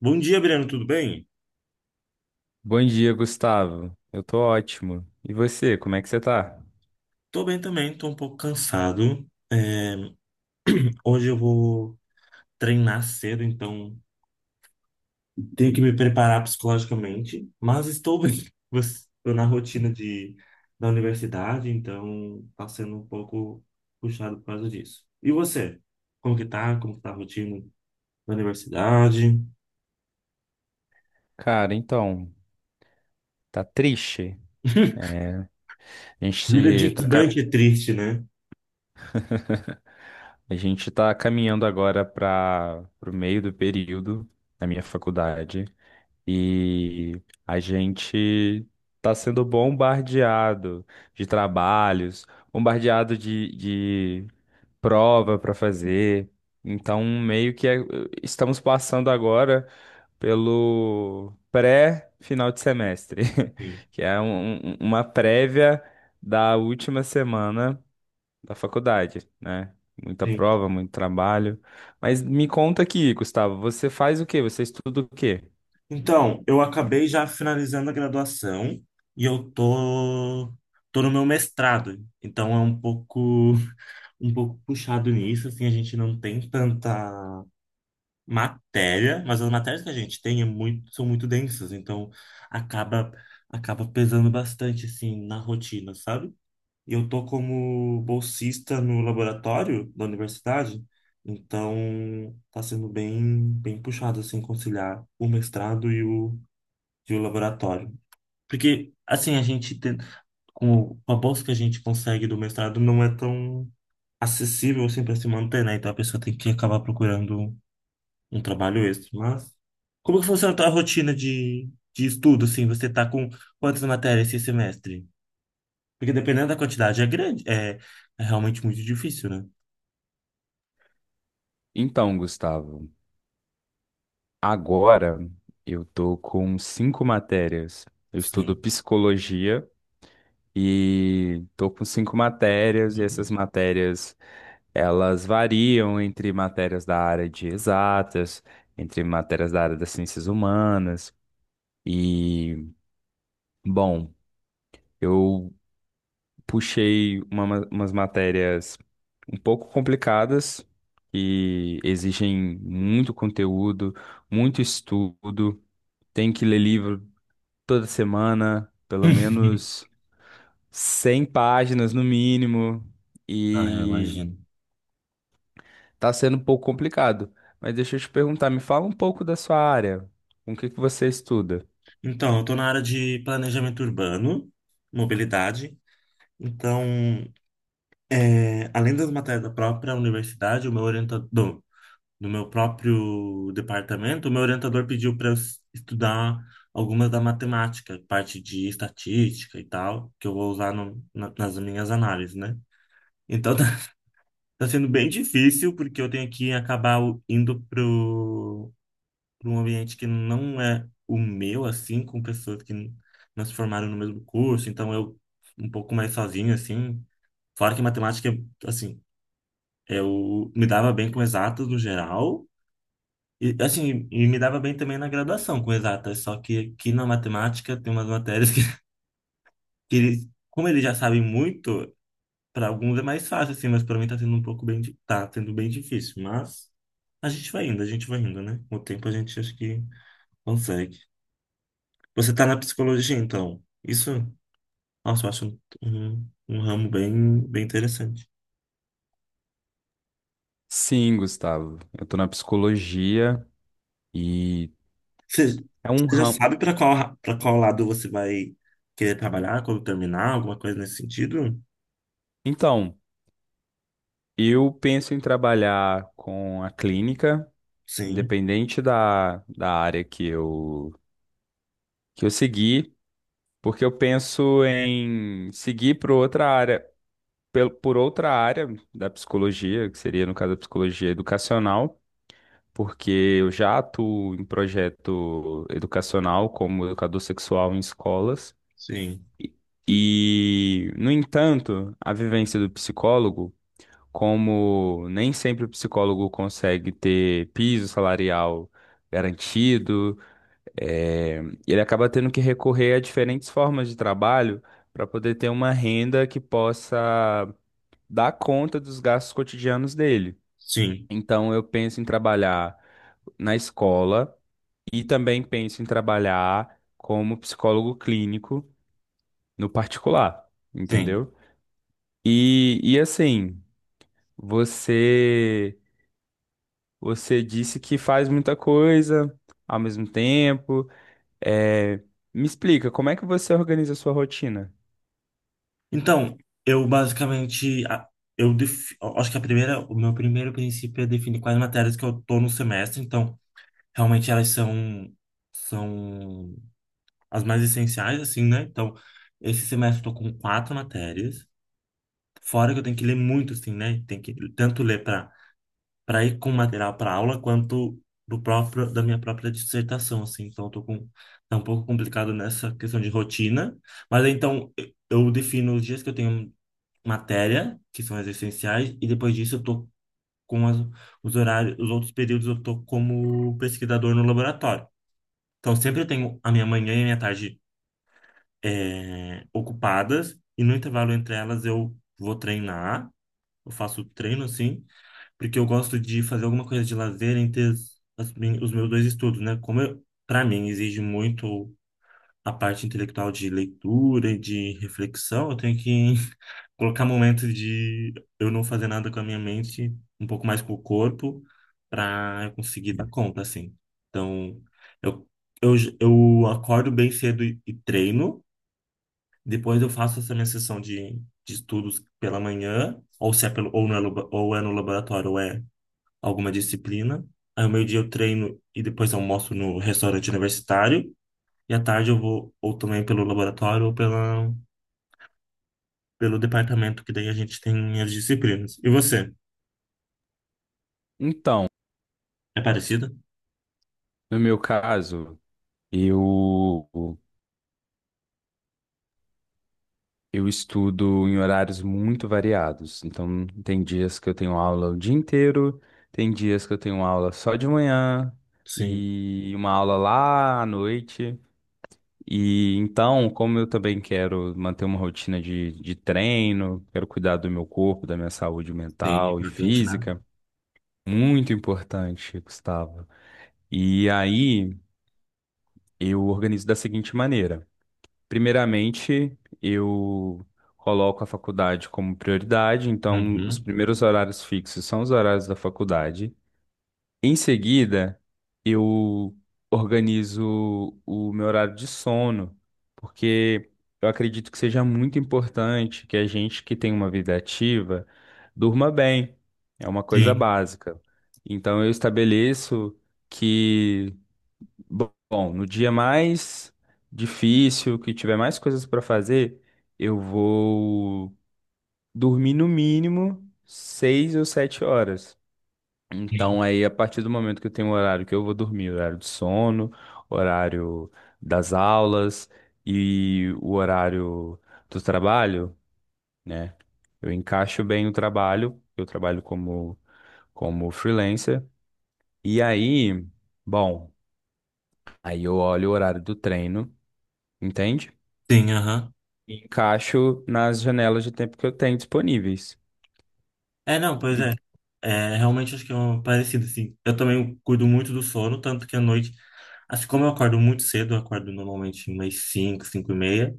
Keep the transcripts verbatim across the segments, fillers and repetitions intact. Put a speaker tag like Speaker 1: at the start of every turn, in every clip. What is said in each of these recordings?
Speaker 1: Bom dia, Breno, tudo bem?
Speaker 2: Bom dia, Gustavo. Eu tô ótimo. E você, como é que você tá?
Speaker 1: Tô bem também, tô um pouco cansado. É, hoje eu vou treinar cedo, então tenho que me preparar psicologicamente, mas estou bem. Estou na rotina de, da universidade, então tá sendo um pouco puxado por causa disso. E você? Como que tá? Como que tá a rotina da universidade?
Speaker 2: Cara, então, tá triste, né? A
Speaker 1: Vida de
Speaker 2: gente tá, ca-
Speaker 1: estudante é triste, né?
Speaker 2: a gente tá caminhando agora para o meio do período na minha faculdade e a gente tá sendo bombardeado de trabalhos, bombardeado de prova para fazer. Então, meio que é- estamos passando agora pelo pré-final de semestre,
Speaker 1: Sim,
Speaker 2: que é um- um- um, uma prévia da última semana da faculdade, né? Muita
Speaker 1: sim.
Speaker 2: prova, muito trabalho. Mas me conta aqui, Gustavo, você faz o quê? Você estuda o quê?
Speaker 1: Então, eu acabei já finalizando a graduação e eu tô, tô no meu mestrado. Então é um pouco um pouco puxado nisso, assim, a gente não tem tanta matéria, mas as matérias que a gente tem é muito, são muito densas, então acaba acaba pesando bastante assim na rotina, sabe? E eu tô como bolsista no laboratório da universidade, então tá sendo bem bem puxado assim conciliar o mestrado e o de laboratório. Porque, assim, a gente tem, com a bolsa que a gente consegue do mestrado não é tão acessível assim para se manter, né? Então a pessoa tem que acabar procurando um trabalho extra. Mas como que funciona a tua rotina de, de estudo, assim? Você tá com quantas matérias esse semestre? Porque dependendo da quantidade é grande, é, é realmente muito difícil, né?
Speaker 2: Então, Gustavo, agora eu tô com cinco matérias. Eu estudo
Speaker 1: Sim.
Speaker 2: psicologia e tô com cinco matérias,
Speaker 1: Meu
Speaker 2: e essas
Speaker 1: Deus.
Speaker 2: matérias elas variam entre matérias da área de exatas, entre matérias da área das ciências humanas. E, bom, eu puxei uma ma- umas matérias um pouco complicadas que exigem muito conteúdo, muito estudo. Tem que ler livro toda semana, pelo menos cem páginas no mínimo,
Speaker 1: Ah, eu
Speaker 2: e
Speaker 1: imagino.
Speaker 2: tá sendo um pouco complicado. Mas deixa eu te perguntar, me fala um pouco da sua área. Com o que que você estuda?
Speaker 1: Então, eu tô na área de planejamento urbano, mobilidade. Então, É, além das matérias da própria universidade, o meu orientador, do meu próprio departamento, o meu orientador pediu para eu s- estudar algumas da matemática, parte de estatística e tal, que eu vou usar no- na- nas minhas análises, né? Então tá, tá sendo bem difícil, porque eu tenho que acabar o- indo pro, pro um ambiente que não é o meu, assim, com pessoas que n- não se formaram no mesmo curso, então eu um pouco mais sozinho, assim. Fora que matemática, assim eu me dava bem com exatas no geral, e assim, e me dava bem também na graduação com exatas, só que aqui na matemática tem umas matérias que, que eles, como eles já sabem muito, para alguns é mais fácil, assim, mas para mim tá sendo um pouco bem, di- tá sendo bem difícil, mas a gente vai indo, a gente vai indo, né? Com o tempo a gente acho que consegue. Você tá na psicologia, então. Isso, nossa, eu acho um, um, um ramo bem, bem interessante.
Speaker 2: Sim, Gustavo. Eu tô na psicologia e
Speaker 1: Você,
Speaker 2: é um
Speaker 1: você já
Speaker 2: ramo.
Speaker 1: sabe para qual, para qual lado você vai querer trabalhar quando terminar, alguma coisa nesse sentido?
Speaker 2: Então, eu penso em trabalhar com a clínica,
Speaker 1: Sim,
Speaker 2: independente da, da área que eu, que eu seguir, porque eu penso em seguir para outra área. Pel- por outra área da psicologia, que seria, no caso, a psicologia educacional, porque eu já atuo em projeto educacional como educador sexual em escolas.
Speaker 1: sim,
Speaker 2: E, e, no entanto, a vivência do psicólogo, como nem sempre o psicólogo consegue ter piso salarial garantido, eh, ele acaba tendo que recorrer a diferentes formas de trabalho para poder ter uma renda que possa dar conta dos gastos cotidianos dele.
Speaker 1: sim,
Speaker 2: Então, eu penso em trabalhar na escola e também penso em trabalhar como psicólogo clínico no particular,
Speaker 1: sim.
Speaker 2: entendeu? E, e assim, você você disse que faz muita coisa ao mesmo tempo. É, me explica, como é que você organiza a sua rotina?
Speaker 1: Então, eu basicamente, a- eu defi- eu acho que a primeira, o meu primeiro princípio é definir quais matérias que eu tô no semestre. Então, realmente elas são, são as mais essenciais, assim, né? Então, esse semestre eu tô com quatro matérias. Fora que eu tenho que ler muito, assim, né? Tem que tanto ler para para ir com material para aula quanto do próprio da minha própria dissertação, assim. Então, eu tô com tá um pouco complicado nessa questão de rotina, mas então eu eu defino os dias que eu tenho matéria, que são as essenciais, e depois disso eu tô com as, os horários, os outros períodos eu tô como pesquisador no laboratório. Então, sempre eu tenho a minha manhã e a minha tarde eh, ocupadas, e no intervalo entre elas eu vou treinar, eu faço treino, assim, porque eu gosto de fazer alguma coisa de lazer entre as- as min- os meus dois estudos, né? Como eu, para mim exige muito a parte intelectual de leitura e de reflexão, eu tenho que colocar momentos de eu não fazer nada com a minha mente, um pouco mais com o corpo, para eu conseguir dar conta, assim. Então, eu, eu, j- eu acordo bem cedo e, e treino, depois eu faço essa minha sessão de, de estudos pela manhã, ou se é pelo, ou, no, labo- ou é no laboratório, ou é alguma disciplina. Aí, ao meio-dia, eu treino e depois almoço no restaurante universitário. E à tarde, eu vou ou também pelo laboratório ou pela, pelo departamento, que daí a gente tem as disciplinas. E você?
Speaker 2: Então,
Speaker 1: É parecido?
Speaker 2: no meu caso, eu eu estudo em horários muito variados. Então, tem dias que eu tenho aula o dia inteiro, tem dias que eu tenho aula só de manhã
Speaker 1: Sim.
Speaker 2: e uma aula lá à noite. E então, como eu também quero manter uma rotina de, de treino, quero cuidar do meu corpo, da minha saúde
Speaker 1: Sim,
Speaker 2: mental e
Speaker 1: importante, né?
Speaker 2: física, muito importante, Gustavo. E aí, eu organizo da seguinte maneira. Primeiramente, eu coloco a faculdade como prioridade, então os
Speaker 1: Uhum.
Speaker 2: primeiros horários fixos são os horários da faculdade. Em seguida, eu organizo o meu horário de sono, porque eu acredito que seja muito importante que a gente que tem uma vida ativa durma bem. É uma coisa
Speaker 1: Sim,
Speaker 2: básica. Então eu estabeleço que Bom, no dia mais difícil, que tiver mais coisas para fazer, eu vou dormir no mínimo seis ou sete horas.
Speaker 1: sim.
Speaker 2: Então, aí, a partir do momento que eu tenho um horário que eu vou dormir, horário de sono, horário das aulas e o horário do trabalho, né? Eu encaixo bem o trabalho, eu trabalho como, como freelancer. E aí, bom, aí eu olho o horário do treino, entende?
Speaker 1: Sim, aham.
Speaker 2: E encaixo nas janelas de tempo que eu tenho disponíveis.
Speaker 1: É, não,
Speaker 2: E
Speaker 1: pois
Speaker 2: o-
Speaker 1: é. É, realmente acho que é um parecido, assim. Eu também cuido muito do sono, tanto que à noite, assim como eu acordo muito cedo, eu acordo normalmente umas cinco, cinco e meia,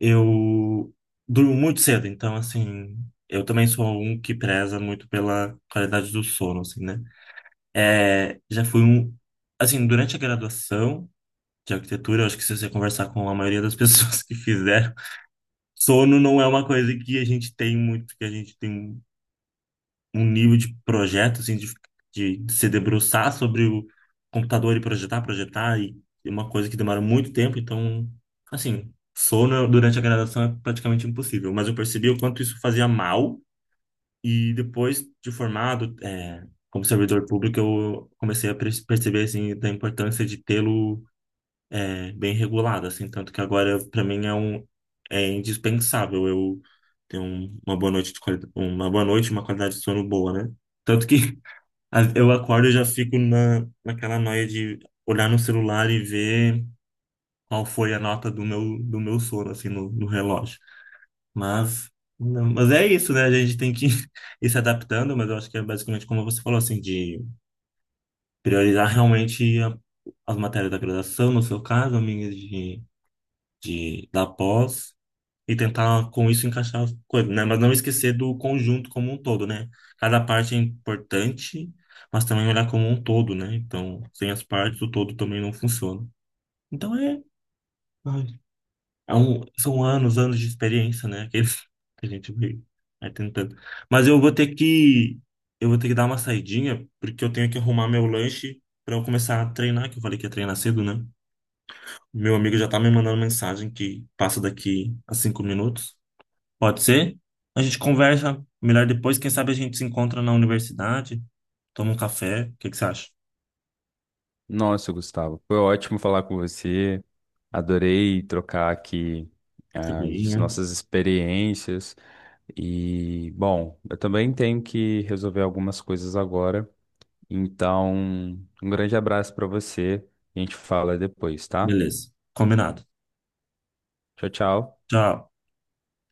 Speaker 1: eu durmo muito cedo, então, assim, eu também sou um que preza muito pela qualidade do sono, assim, né? É, já fui um. Assim, durante a graduação de arquitetura, eu acho que se você conversar com a maioria das pessoas que fizeram, sono não é uma coisa que a gente tem muito, que a gente tem um nível de projeto, assim, de, de, de se debruçar sobre o computador e projetar, projetar, e é uma coisa que demora muito tempo, então, assim, sono durante a graduação é praticamente impossível. Mas eu percebi o quanto isso fazia mal, e depois de formado, é, como servidor público, eu comecei a perce- perceber, assim, da importância de tê-lo é, bem regulada, assim, tanto que agora para mim é um é indispensável eu ter um- uma boa noite de qualidade, uma boa noite, e uma qualidade de sono boa, né? Tanto que a- eu acordo e já fico na naquela noia de olhar no celular e ver qual foi a nota do meu do meu sono assim no, no relógio. Mas não, mas é isso, né? A gente tem que ir se adaptando, mas eu acho que é basicamente como você falou, assim, de priorizar realmente a- as matérias da graduação, no seu caso, amigas, de de, da pós e tentar com isso encaixar as coisas, né? Mas não esquecer do conjunto como um todo, né? Cada parte é importante, mas também olhar como um todo, né? Então, sem as partes, o todo também não funciona. Então é, ai, é um- são anos, anos de experiência, né? Que que a gente vai, vai tentando. Mas eu vou ter que eu vou ter que dar uma saidinha, porque eu tenho que arrumar meu lanche para eu começar a treinar, que eu falei que ia treinar cedo, né? Meu amigo já tá me mandando mensagem que passa daqui a cinco minutos. Pode ser? A gente conversa melhor depois. Quem sabe a gente se encontra na universidade, toma um café. O que que você acha?
Speaker 2: Nossa, Gustavo, foi ótimo falar com você. Adorei trocar aqui
Speaker 1: Tudo
Speaker 2: ah, as
Speaker 1: né?
Speaker 2: nossas experiências. E, bom, eu também tenho que resolver algumas coisas agora. Então, um grande abraço para você. A gente fala depois, tá?
Speaker 1: Beleza. Combinado.
Speaker 2: Tchau, tchau.
Speaker 1: Tchau.